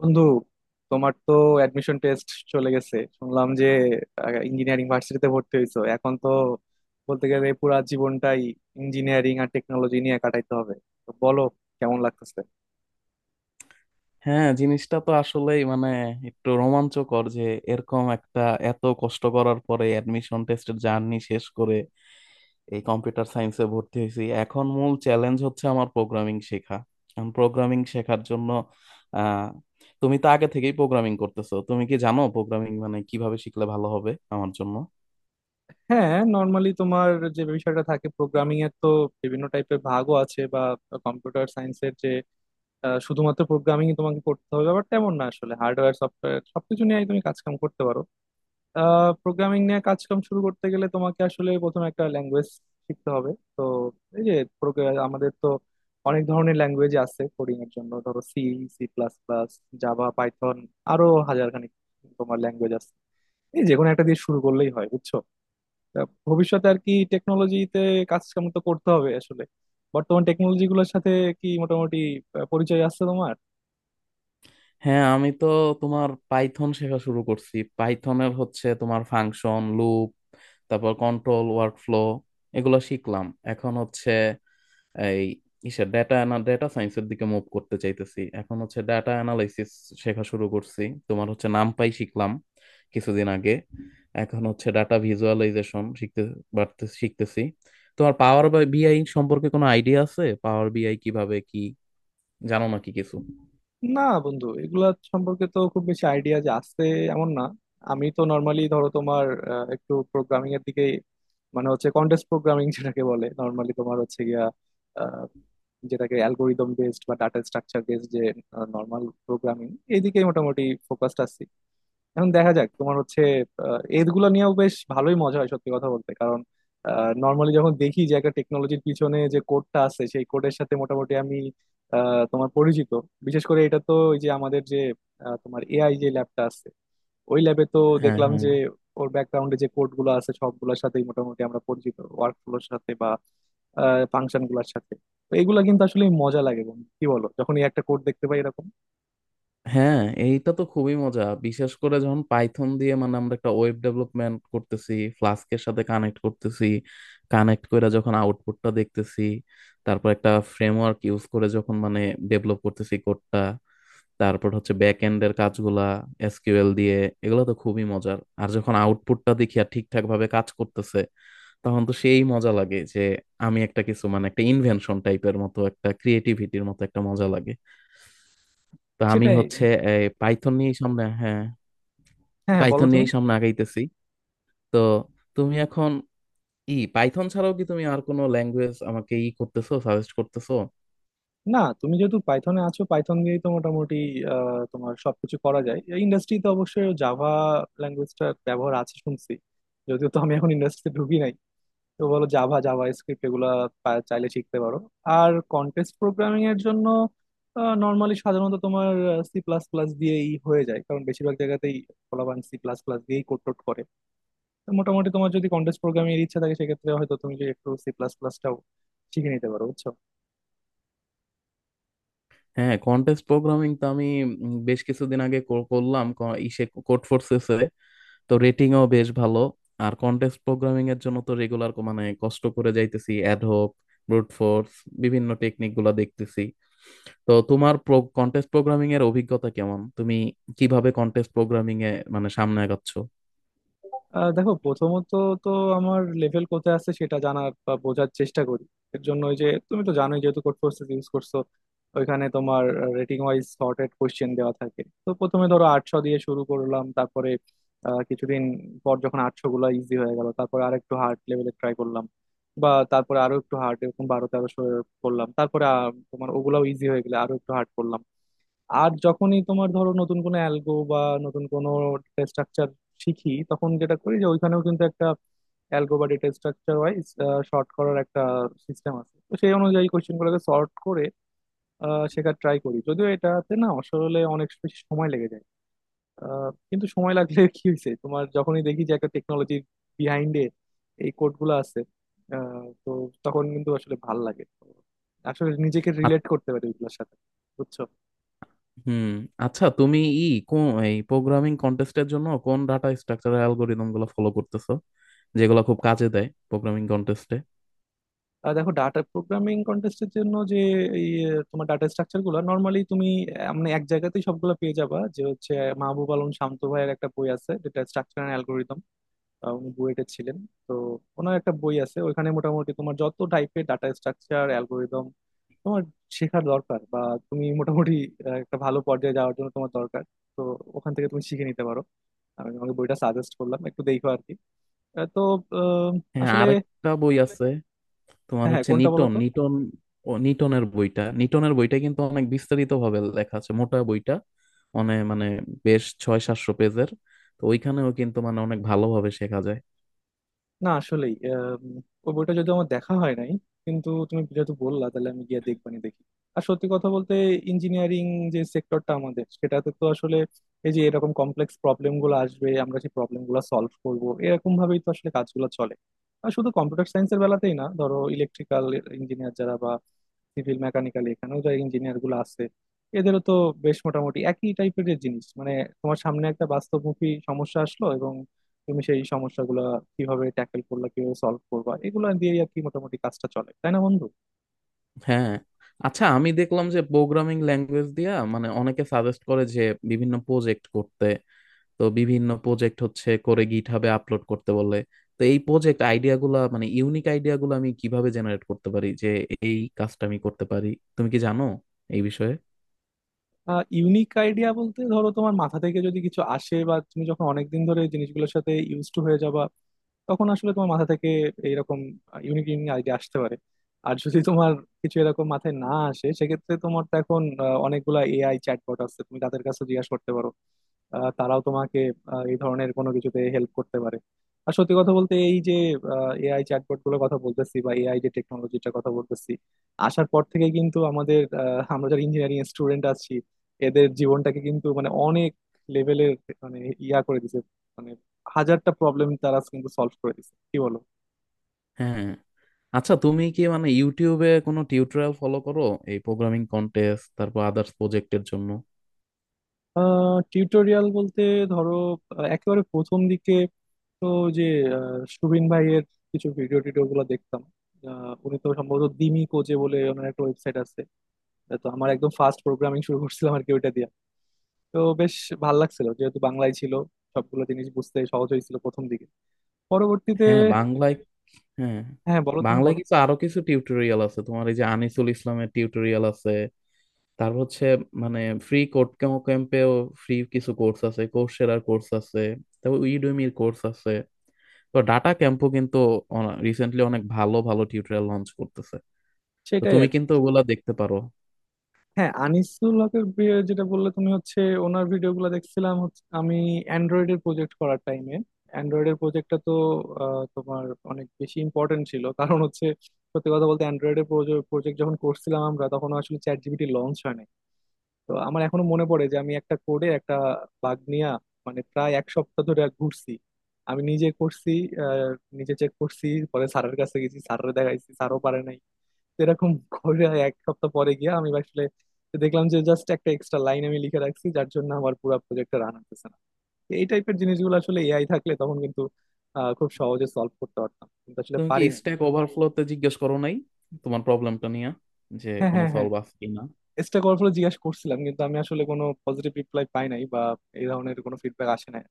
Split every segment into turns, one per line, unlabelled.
বন্ধু, তোমার তো অ্যাডমিশন টেস্ট চলে গেছে শুনলাম যে ইঞ্জিনিয়ারিং ভার্সিটিতে ভর্তি হয়েছো। এখন তো বলতে গেলে পুরা জীবনটাই ইঞ্জিনিয়ারিং আর টেকনোলজি নিয়ে কাটাইতে হবে। তো বলো, কেমন লাগতেছে?
হ্যাঁ, জিনিসটা তো আসলেই মানে একটু রোমাঞ্চকর যে এরকম একটা, এত কষ্ট করার পরে অ্যাডমিশন টেস্টের জার্নি শেষ করে এই কম্পিউটার সায়েন্সে ভর্তি হয়েছি। এখন মূল চ্যালেঞ্জ হচ্ছে আমার প্রোগ্রামিং শেখা। প্রোগ্রামিং শেখার জন্য আহ তুমি তো আগে থেকেই প্রোগ্রামিং করতেছো, তুমি কি জানো প্রোগ্রামিং মানে কিভাবে শিখলে ভালো হবে আমার জন্য?
হ্যাঁ, নর্মালি তোমার যে বিষয়টা থাকে প্রোগ্রামিং এর, তো বিভিন্ন টাইপের ভাগও আছে বা কম্পিউটার সায়েন্সের যে শুধুমাত্র প্রোগ্রামিং তোমাকে করতে হবে ব্যাপারটা এমন না, আসলে হার্ডওয়্যার সফটওয়্যার সবকিছু নিয়েই তুমি কাজকাম করতে পারো। প্রোগ্রামিং নিয়ে কাজকাম শুরু করতে গেলে তোমাকে আসলে প্রথমে একটা ল্যাঙ্গুয়েজ শিখতে হবে। তো এই যে আমাদের তো অনেক ধরনের ল্যাঙ্গুয়েজ আছে কোডিং এর জন্য, ধরো C, C plus plus, Java, Python, আরো হাজারখানেক তোমার ল্যাঙ্গুয়েজ আছে। এই যে কোনো একটা দিয়ে শুরু করলেই হয়, বুঝছো? তা ভবিষ্যতে আর কি টেকনোলজিতে কাজ কাম তো করতে হবে আসলে। বর্তমান টেকনোলজি গুলোর সাথে কি মোটামুটি পরিচয় আছে তোমার?
হ্যাঁ, আমি তো তোমার পাইথন শেখা শুরু করছি। পাইথনের হচ্ছে তোমার ফাংশন, লুপ, তারপর কন্ট্রোল ওয়ার্কফ্লো, এগুলো শিখলাম। এখন হচ্ছে এই ইসে ডেটা ডেটা সায়েন্সের দিকে মুভ করতে চাইতেছি। এখন হচ্ছে ডেটা অ্যানালাইসিস শেখা শুরু করছি। তোমার হচ্ছে নামপাই শিখলাম কিছুদিন আগে। এখন হচ্ছে ডাটা ভিজুয়ালাইজেশন শিখতে বাড়তে শিখতেছি। তোমার পাওয়ার বিআই সম্পর্কে কোনো আইডিয়া আছে? পাওয়ার বিআই কিভাবে কি জানো নাকি কিছু?
না বন্ধু, এগুলা সম্পর্কে তো খুব বেশি আইডিয়া যে আছে এমন না। আমি তো নর্মালি ধরো তোমার একটু প্রোগ্রামিং এর দিকে, মানে হচ্ছে কন্টেস্ট প্রোগ্রামিং যেটাকে বলে, নর্মালি তোমার হচ্ছে গিয়া আহ, যেটাকে অ্যালগোরিদম বেসড বা ডাটা স্ট্রাকচার বেসড, যে নর্মাল প্রোগ্রামিং, এইদিকে মোটামুটি ফোকাসড আছি। এখন দেখা যাক, তোমার হচ্ছে এইগুলো নিয়েও বেশ ভালোই মজা হয় সত্যি কথা বলতে, কারণ নর্মালি যখন দেখি যে একটা টেকনোলজির পিছনে যে কোডটা আছে সেই কোডের সাথে মোটামুটি আমি তোমার পরিচিত। বিশেষ করে এটা তো ওই যে আমাদের যে তোমার এআই যে ল্যাবটা আছে, ওই ল্যাবে তো
হ্যাঁ,
দেখলাম
হ্যাঁ,
যে ওর ব্যাকগ্রাউন্ডে যে কোডগুলো আছে সবগুলোর সাথেই মোটামুটি আমরা পরিচিত, ওয়ার্কফ্লোর সাথে বা ফাংশন গুলার সাথে। তো এগুলা কিন্তু আসলে মজা লাগে বন্ধু, কি বলো, যখন এই একটা কোড দেখতে পাই এরকম।
হ্যাঁ। এইটা তো খুবই মজা, বিশেষ করে যখন পাইথন দিয়ে মানে আমরা একটা ওয়েব ডেভেলপমেন্ট করতেছি, ফ্লাস্কের সাথে কানেক্ট করতেছি। কানেক্ট করে যখন আউটপুটটা দেখতেছি, তারপর একটা ফ্রেমওয়ার্ক ইউজ করে যখন মানে ডেভেলপ করতেছি কোডটা, তারপর হচ্ছে ব্যাক এন্ডের কাজগুলা এসকিউএল দিয়ে, এগুলো তো খুবই মজার। আর যখন আউটপুটটা দেখি আর ঠিকঠাক ভাবে কাজ করতেছে তখন তো সেই মজা লাগে যে আমি একটা কিছু মানে একটা ইনভেনশন টাইপের মতো, একটা ক্রিয়েটিভিটির মতো একটা মজা লাগে। তো আমি
সেটাই।
হচ্ছে পাইথন নিয়েই সামনে, হ্যাঁ,
হ্যাঁ, হ্যাঁ, বলো
পাইথন
তুমি।
নিয়েই সামনে আগাইতেছি। তো তুমি এখন পাইথন ছাড়াও কি তুমি আর কোনো ল্যাঙ্গুয়েজ আমাকে করতেছো সাজেস্ট করতেছো?
না, তুমি যেহেতু পাইথনে আছো পাইথন দিয়েই তো মোটামুটি তোমার সবকিছু করা যায়। এই ইন্ডাস্ট্রিতে অবশ্যই জাভা ল্যাঙ্গুয়েজটার ব্যবহার আছে শুনছি, যদিও তো আমি এখন ইন্ডাস্ট্রিতে ঢুকি নাই। তো বলো, জাভা, জাভা স্ক্রিপ্ট এগুলা চাইলে শিখতে পারো। আর কন্টেস্ট প্রোগ্রামিং এর জন্য নর্মালি সাধারণত তোমার সি প্লাস প্লাস দিয়েই হয়ে যায়, কারণ বেশিরভাগ জায়গাতেই পোলাপান সি প্লাস প্লাস দিয়েই কোড টোড করে। তো মোটামুটি তোমার যদি কন্টেস্ট প্রোগ্রামিং এর ইচ্ছা থাকে সেক্ষেত্রে হয়তো তুমি যে একটু সি প্লাস প্লাসটাও শিখে নিতে পারো, বুঝছো।
হ্যাঁ, কন্টেস্ট প্রোগ্রামিং তো আমি বেশ কিছুদিন আগে করলাম ক- ইসে কোড ফোর্সেসে। তো রেটিংও বেশ ভালো। আর কন্টেস্ট প্রোগ্রামিং এর জন্য তো রেগুলার মানে কষ্ট করে যাইতেছি, অ্যাডহক, ব্রুট ফোর্স, বিভিন্ন টেকনিক গুলা দেখতেছি। তো তোমার কন্টেস্ট প্রোগ্রামিং এর অভিজ্ঞতা কেমন? তুমি কিভাবে কন্টেস্ট প্রোগ্রামিং এ মানে সামনে আগাচ্ছ?
দেখো, প্রথমত তো আমার লেভেল কোথায় আছে সেটা জানার বা বোঝার চেষ্টা করি। এর জন্য ওই যে, তুমি তো জানোই যেহেতু কোড ফোর্সেস ইউজ করছো, ওইখানে তোমার রেটিং ওয়াইজ সর্টেড কোশ্চেন দেওয়া থাকে। তো প্রথমে ধরো 800 দিয়ে শুরু করলাম, তারপরে কিছুদিন পর যখন 800 গুলো ইজি হয়ে গেল তারপরে আর একটু হার্ড লেভেলে ট্রাই করলাম, বা তারপরে আরো একটু হার্ড, এরকম 1200 1300 করলাম। তারপরে তোমার ওগুলাও ইজি হয়ে গেলে আরো একটু হার্ড করলাম। আর যখনই তোমার ধরো নতুন কোনো অ্যালগো বা নতুন কোনো ডেটা স্ট্রাকচার শিখি তখন যেটা করি যে ওইখানেও কিন্তু একটা অ্যালগো বা ডেটা স্ট্রাকচার ওয়াইজ সর্ট করার একটা সিস্টেম আছে। তো সেই অনুযায়ী কোশ্চেনগুলোকে সর্ট করে শেখার ট্রাই করি, যদিও এটাতে না আসলে অনেক বেশি সময় লেগে যায়। কিন্তু সময় লাগলে কি হয়েছে, তোমার যখনই দেখি যে একটা টেকনোলজির বিহাইন্ডে এই কোডগুলো আছে, তো তখন কিন্তু আসলে ভাল লাগে, তো আসলে নিজেকে
আ-
রিলেট করতে পারি ওইগুলোর সাথে, বুঝছো।
হুম। আচ্ছা, তুমি কোন এই প্রোগ্রামিং কন্টেস্টের জন্য কোন ডাটা স্ট্রাকচার অ্যালগোরিদম গুলো ফলো করতেছো, যেগুলো খুব কাজে দেয় প্রোগ্রামিং কন্টেস্টে?
দেখো, ডাটা প্রোগ্রামিং কন্টেস্টের জন্য যে এই তোমার ডাটা স্ট্রাকচার গুলো নর্মালি তুমি মানে এক জায়গাতেই সবগুলো পেয়ে যাবা, যে হচ্ছে মাহবুব আলম শান্ত ভাইয়ের একটা বই আছে যেটা স্ট্রাকচার অ্যান্ড অ্যালগোরিদম। উনি বুয়েটে ছিলেন। তো ওনার একটা বই আছে, ওইখানে মোটামুটি তোমার যত টাইপের ডাটা স্ট্রাকচার অ্যালগোরিদম তোমার শেখার দরকার বা তুমি মোটামুটি একটা ভালো পর্যায়ে যাওয়ার জন্য তোমার দরকার। তো ওখান থেকে তুমি শিখে নিতে পারো। আমি তোমাকে বইটা সাজেস্ট করলাম একটু দেখো আর কি। আহ, তো আহ,
হ্যাঁ,
আসলে
আরেকটা বই আছে। তোমার
হ্যাঁ, হ্যাঁ,
হচ্ছে
কোনটা বলো
নিটন
তো।
নিটন ও, নিটনের বইটা, নিটনের বইটা কিন্তু অনেক বিস্তারিত ভাবে লেখা আছে। মোটা বইটা, অনেক মানে বেশ ছয় সাতশো পেজের। তো ওইখানেও কিন্তু মানে অনেক ভালোভাবে শেখা যায়।
না আসলেই ওই বইটা যদি আমার দেখা হয় নাই কিন্তু তুমি যেহেতু বললা তাহলে আমি গিয়ে দেখবানি দেখি। আর সত্যি কথা বলতে ইঞ্জিনিয়ারিং যে সেক্টরটা আমাদের সেটাতে তো আসলে এই যে এরকম কমপ্লেক্স প্রবলেম গুলো আসবে, আমরা যে প্রবলেম গুলো সলভ করব, এরকম ভাবেই তো আসলে কাজগুলো চলে। আর শুধু কম্পিউটার সায়েন্সের বেলাতেই না, ধরো ইলেকট্রিক্যাল ইঞ্জিনিয়ার যারা বা সিভিল, মেকানিক্যাল, এখানেও যারা ইঞ্জিনিয়ার গুলো আছে এদেরও তো বেশ মোটামুটি একই টাইপের জিনিস। মানে তোমার সামনে একটা বাস্তবমুখী সমস্যা আসলো এবং তুমি সেই সমস্যাগুলো কিভাবে ট্যাকেল করলা কিভাবে সলভ করবা, এগুলো দিয়েই আর কি মোটামুটি কাজটা চলে, তাই না বন্ধু?
হ্যাঁ। আচ্ছা, আমি দেখলাম যে প্রোগ্রামিং ল্যাঙ্গুয়েজ দিয়া মানে অনেকে সাজেস্ট করে যে বিভিন্ন প্রজেক্ট করতে। তো বিভিন্ন প্রজেক্ট হচ্ছে করে গিটহাবে আপলোড করতে বলে। তো এই প্রজেক্ট আইডিয়া গুলা মানে ইউনিক আইডিয়া গুলো আমি কিভাবে জেনারেট করতে পারি যে এই কাজটা আমি করতে পারি? তুমি কি জানো এই বিষয়ে?
ইউনিক আইডিয়া বলতে, ধরো তোমার মাথা থেকে যদি কিছু আসে বা তুমি যখন অনেকদিন ধরে এই জিনিসগুলোর সাথে ইউজ টু হয়ে যাবা তখন আসলে তোমার মাথা থেকে এইরকম ইউনিক ইউনিক আইডিয়া আসতে পারে। আর যদি তোমার কিছু এরকম মাথায় না আসে, সেক্ষেত্রে তোমার তো এখন অনেকগুলা এআই চ্যাটবট আছে, তুমি তাদের কাছে জিজ্ঞাসা করতে পারো। তারাও তোমাকে এই ধরনের কোনো কিছুতে হেল্প করতে পারে। আর সত্যি কথা বলতে এই যে এআই চ্যাটবট গুলোর কথা বলতেছি বা এআই যে টেকনোলজিটার কথা বলতেছি আসার পর থেকে কিন্তু আমাদের, আমরা যারা ইঞ্জিনিয়ারিং স্টুডেন্ট আছি এদের জীবনটাকে কিন্তু মানে অনেক লেভেলের, মানে, ইয়া করে দিছে। মানে হাজারটা প্রবলেম তারা কিন্তু সলভ করে দিছে, কি বলো।
হ্যাঁ। আচ্ছা, তুমি কি মানে ইউটিউবে কোনো টিউটোরিয়াল ফলো করো এই প্রোগ্রামিং কন্টেস্ট, তারপর আদার্স প্রজেক্টের জন্য?
টিউটোরিয়াল বলতে, ধরো একেবারে প্রথম দিকে তো যে সুবিন ভাইয়ের কিছু ভিডিও টিডিও গুলো দেখতাম। উনি তো সম্ভবত দিমি কোজে বলে ওনার একটা ওয়েবসাইট আছে। তো আমার একদম ফার্স্ট প্রোগ্রামিং শুরু করছিলাম আর কি ওইটা দিয়ে। তো বেশ ভাল লাগছিল যেহেতু বাংলায় ছিল, সবগুলো জিনিস বুঝতে সহজ হয়েছিল প্রথম দিকে। পরবর্তীতে
হ্যাঁ, বাংলায়। হ্যাঁ।
হ্যাঁ, বলো তুমি
বাংলায়
বলো।
কিছু, আরো কিছু টিউটোরিয়াল আছে তোমার, এই যে আনিসুল ইসলামের টিউটোরিয়াল আছে, তারপর হচ্ছে মানে ফ্রি কোড ক্যাম্পেও ফ্রি কিছু কোর্স আছে, কোর্সেরার কোর্স আছে, তারপর ইউডেমির কোর্স আছে। তো ডাটা ক্যাম্পও কিন্তু রিসেন্টলি অনেক ভালো ভালো টিউটোরিয়াল লঞ্চ করতেছে। তো
সেটাই
তুমি
আর
কিন্তু
কি।
ওগুলা দেখতে পারো।
হ্যাঁ, আনিসুল হকের বিয়ে যেটা বললে তুমি, হচ্ছে ওনার ভিডিওগুলো দেখছিলাম হচ্ছে আমি অ্যান্ড্রয়েডের প্রজেক্ট করার টাইমে। অ্যান্ড্রয়েডের প্রজেক্টটা তো তোমার অনেক বেশি ইম্পর্টেন্ট ছিল কারণ হচ্ছে সত্যি কথা বলতে অ্যান্ড্রয়েডের প্রজেক্ট যখন করছিলাম আমরা তখন আসলে চ্যাট জিপিটি লঞ্চ হয় নাই। তো আমার এখনো মনে পড়ে যে আমি একটা কোডে একটা বাগ নিয়ে মানে প্রায় এক সপ্তাহ ধরে ঘুরছি। আমি নিজে করছি, আহ, নিজে চেক করছি, পরে স্যারের কাছে গেছি, স্যারের দেখাইছি, স্যারও পারে নাই। তো এরকম করে এক সপ্তাহ পরে গিয়ে আমি আসলে দেখলাম যে জাস্ট একটা এক্সট্রা লাইন আমি লিখে রাখছি যার জন্য আমার পুরো প্রজেক্টটা রান হতেছে না। তো এই টাইপের জিনিসগুলো আসলে এআই থাকলে তখন কিন্তু খুব সহজে সলভ করতে পারতাম, কিন্তু আসলে
তুমি কি
পারি নাই।
স্ট্যাক ওভারফ্লোতে জিজ্ঞেস করো নাই তোমার প্রবলেমটা নিয়ে যে
হ্যাঁ,
কোনো
হ্যাঁ, হ্যাঁ,
সলভ আছে কিনা?
চেষ্টা করার ফলে জিজ্ঞাসা করছিলাম কিন্তু আমি আসলে কোনো পজিটিভ রিপ্লাই পাই নাই বা এই ধরনের কোনো ফিডব্যাক আসে নাই।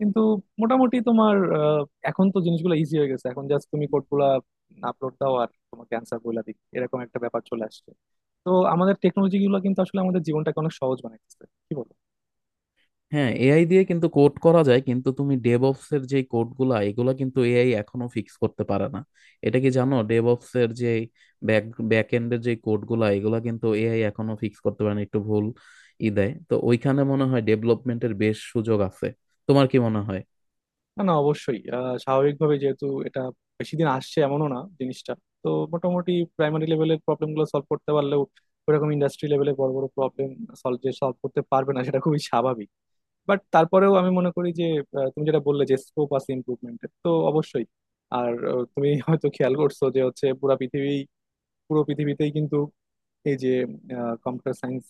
কিন্তু মোটামুটি তোমার এখন তো জিনিসগুলো ইজি হয়ে গেছে, এখন জাস্ট তুমি কোডগুলা আপলোড দাও আর তোমাকে অ্যান্সার বলে দিই, এরকম একটা ব্যাপার চলে আসছে। তো আমাদের টেকনোলজি গুলো কিন্তু আসলে আমাদের জীবনটাকে অনেক সহজ বানাইতেছে, কি বলো।
হ্যাঁ, এআই দিয়ে কিন্তু কোড করা যায়, কিন্তু তুমি ডেভঅপস এর যে কোড গুলা এগুলা কিন্তু এআই এখনো ফিক্স করতে পারে না। এটা কি জানো? ডেভঅপস এর যে ব্যাক ব্যাক এন্ডের যে কোড গুলা এগুলা কিন্তু এআই এখনো ফিক্স করতে পারে না, একটু ভুল দেয়। তো ওইখানে মনে হয় ডেভেলপমেন্টের বেশ সুযোগ আছে। তোমার কি মনে হয়?
না, না, অবশ্যই স্বাভাবিকভাবে যেহেতু এটা বেশি দিন আসছে এমনও না জিনিসটা। তো মোটামুটি প্রাইমারি লেভেলের প্রবলেম গুলো সলভ করতে পারলেও ওরকম ইন্ডাস্ট্রি লেভেলে বড় বড় প্রবলেম সলভ, যে সলভ করতে পারবে না সেটা খুবই স্বাভাবিক। বাট তারপরেও আমি মনে করি যে তুমি যেটা বললে যে স্কোপ আছে ইমপ্রুভমেন্টের তো অবশ্যই। আর তুমি হয়তো খেয়াল করছো যে হচ্ছে পুরা পৃথিবী পুরো পৃথিবীতেই কিন্তু এই যে কম্পিউটার সায়েন্স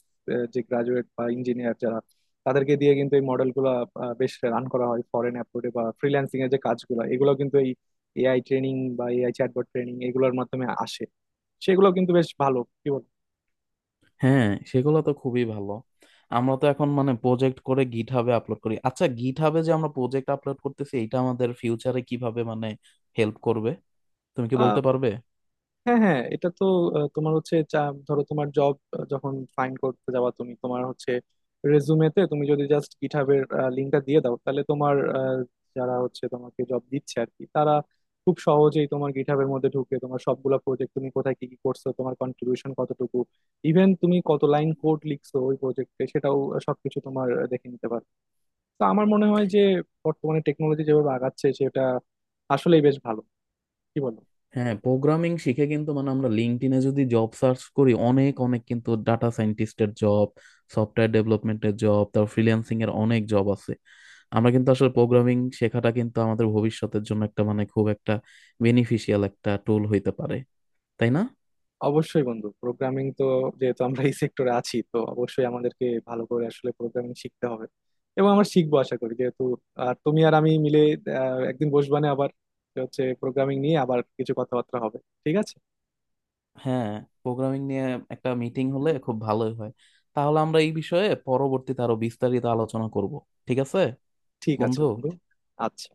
যে গ্রাজুয়েট বা ইঞ্জিনিয়ার যারা, তাদেরকে দিয়ে কিন্তু এই মডেল গুলা বেশ রান করা হয়। ফরেন অ্যাপ্রোডে বা ফ্রিল্যান্সিং এর যে কাজগুলো, এগুলো কিন্তু এই এআই ট্রেনিং বা এআই চ্যাটবট ট্রেনিং এগুলোর মাধ্যমে আসে। সেগুলো কিন্তু বেশ ভালো, কি
হ্যাঁ, সেগুলো তো খুবই ভালো। আমরা তো এখন মানে প্রজেক্ট করে গিট হাবে আপলোড করি। আচ্ছা, গিট হাবে যে আমরা প্রজেক্ট আপলোড করতেছি এটা আমাদের ফিউচারে কিভাবে মানে হেল্প করবে? তুমি কি বলতে
বল।
পারবে?
হ্যাঁ, হ্যাঁ, এটা তো তোমার হচ্ছে ধরো, তোমার জব যখন ফাইন্ড করতে যাওয়া তুমি, তোমার হচ্ছে রেজুমেতে তুমি যদি জাস্ট গিটহাবের লিঙ্কটা দিয়ে দাও তাহলে তোমার যারা হচ্ছে তোমাকে জব দিচ্ছে আর কি, তারা খুব সহজেই তোমার গিটহাবের মধ্যে ঢুকে তোমার সবগুলা প্রজেক্ট তুমি কোথায় কি কি করছো, তোমার কন্ট্রিবিউশন কতটুকু, ইভেন তুমি কত লাইন কোড লিখছো ওই প্রজেক্টে, সেটাও সবকিছু তোমার দেখে নিতে পারবে। তো আমার মনে হয় যে বর্তমানে টেকনোলজি যেভাবে আগাচ্ছে সেটা আসলেই বেশ ভালো, কি বলো।
হ্যাঁ, প্রোগ্রামিং শিখে কিন্তু মানে আমরা লিঙ্কডইনে যদি জব সার্চ করি অনেক অনেক কিন্তু ডাটা সায়েন্টিস্টের জব, সফটওয়্যার ডেভেলপমেন্টের জব, তারপর ফ্রিল্যান্সিং এর অনেক জব আছে। আমরা কিন্তু আসলে প্রোগ্রামিং শেখাটা কিন্তু আমাদের ভবিষ্যতের জন্য একটা মানে খুব একটা বেনিফিশিয়াল একটা টুল হইতে পারে। তাই না?
অবশ্যই বন্ধু, প্রোগ্রামিং তো যেহেতু আমরা এই সেক্টরে আছি তো অবশ্যই আমাদেরকে ভালো করে আসলে প্রোগ্রামিং শিখতে হবে, এবং আমরা শিখবো আশা করি যেহেতু। আর তুমি আর আমি মিলে একদিন বসবানে আবার, যে হচ্ছে প্রোগ্রামিং নিয়ে আবার কিছু কথাবার্তা হবে, ঠিক আছে।
হ্যাঁ, প্রোগ্রামিং নিয়ে একটা মিটিং হলে খুব ভালোই হয়। তাহলে আমরা এই বিষয়ে পরবর্তীতে আরো বিস্তারিত আলোচনা করব। ঠিক আছে,
ঠিক আছে
বন্ধু।
বন্ধু। আচ্ছা।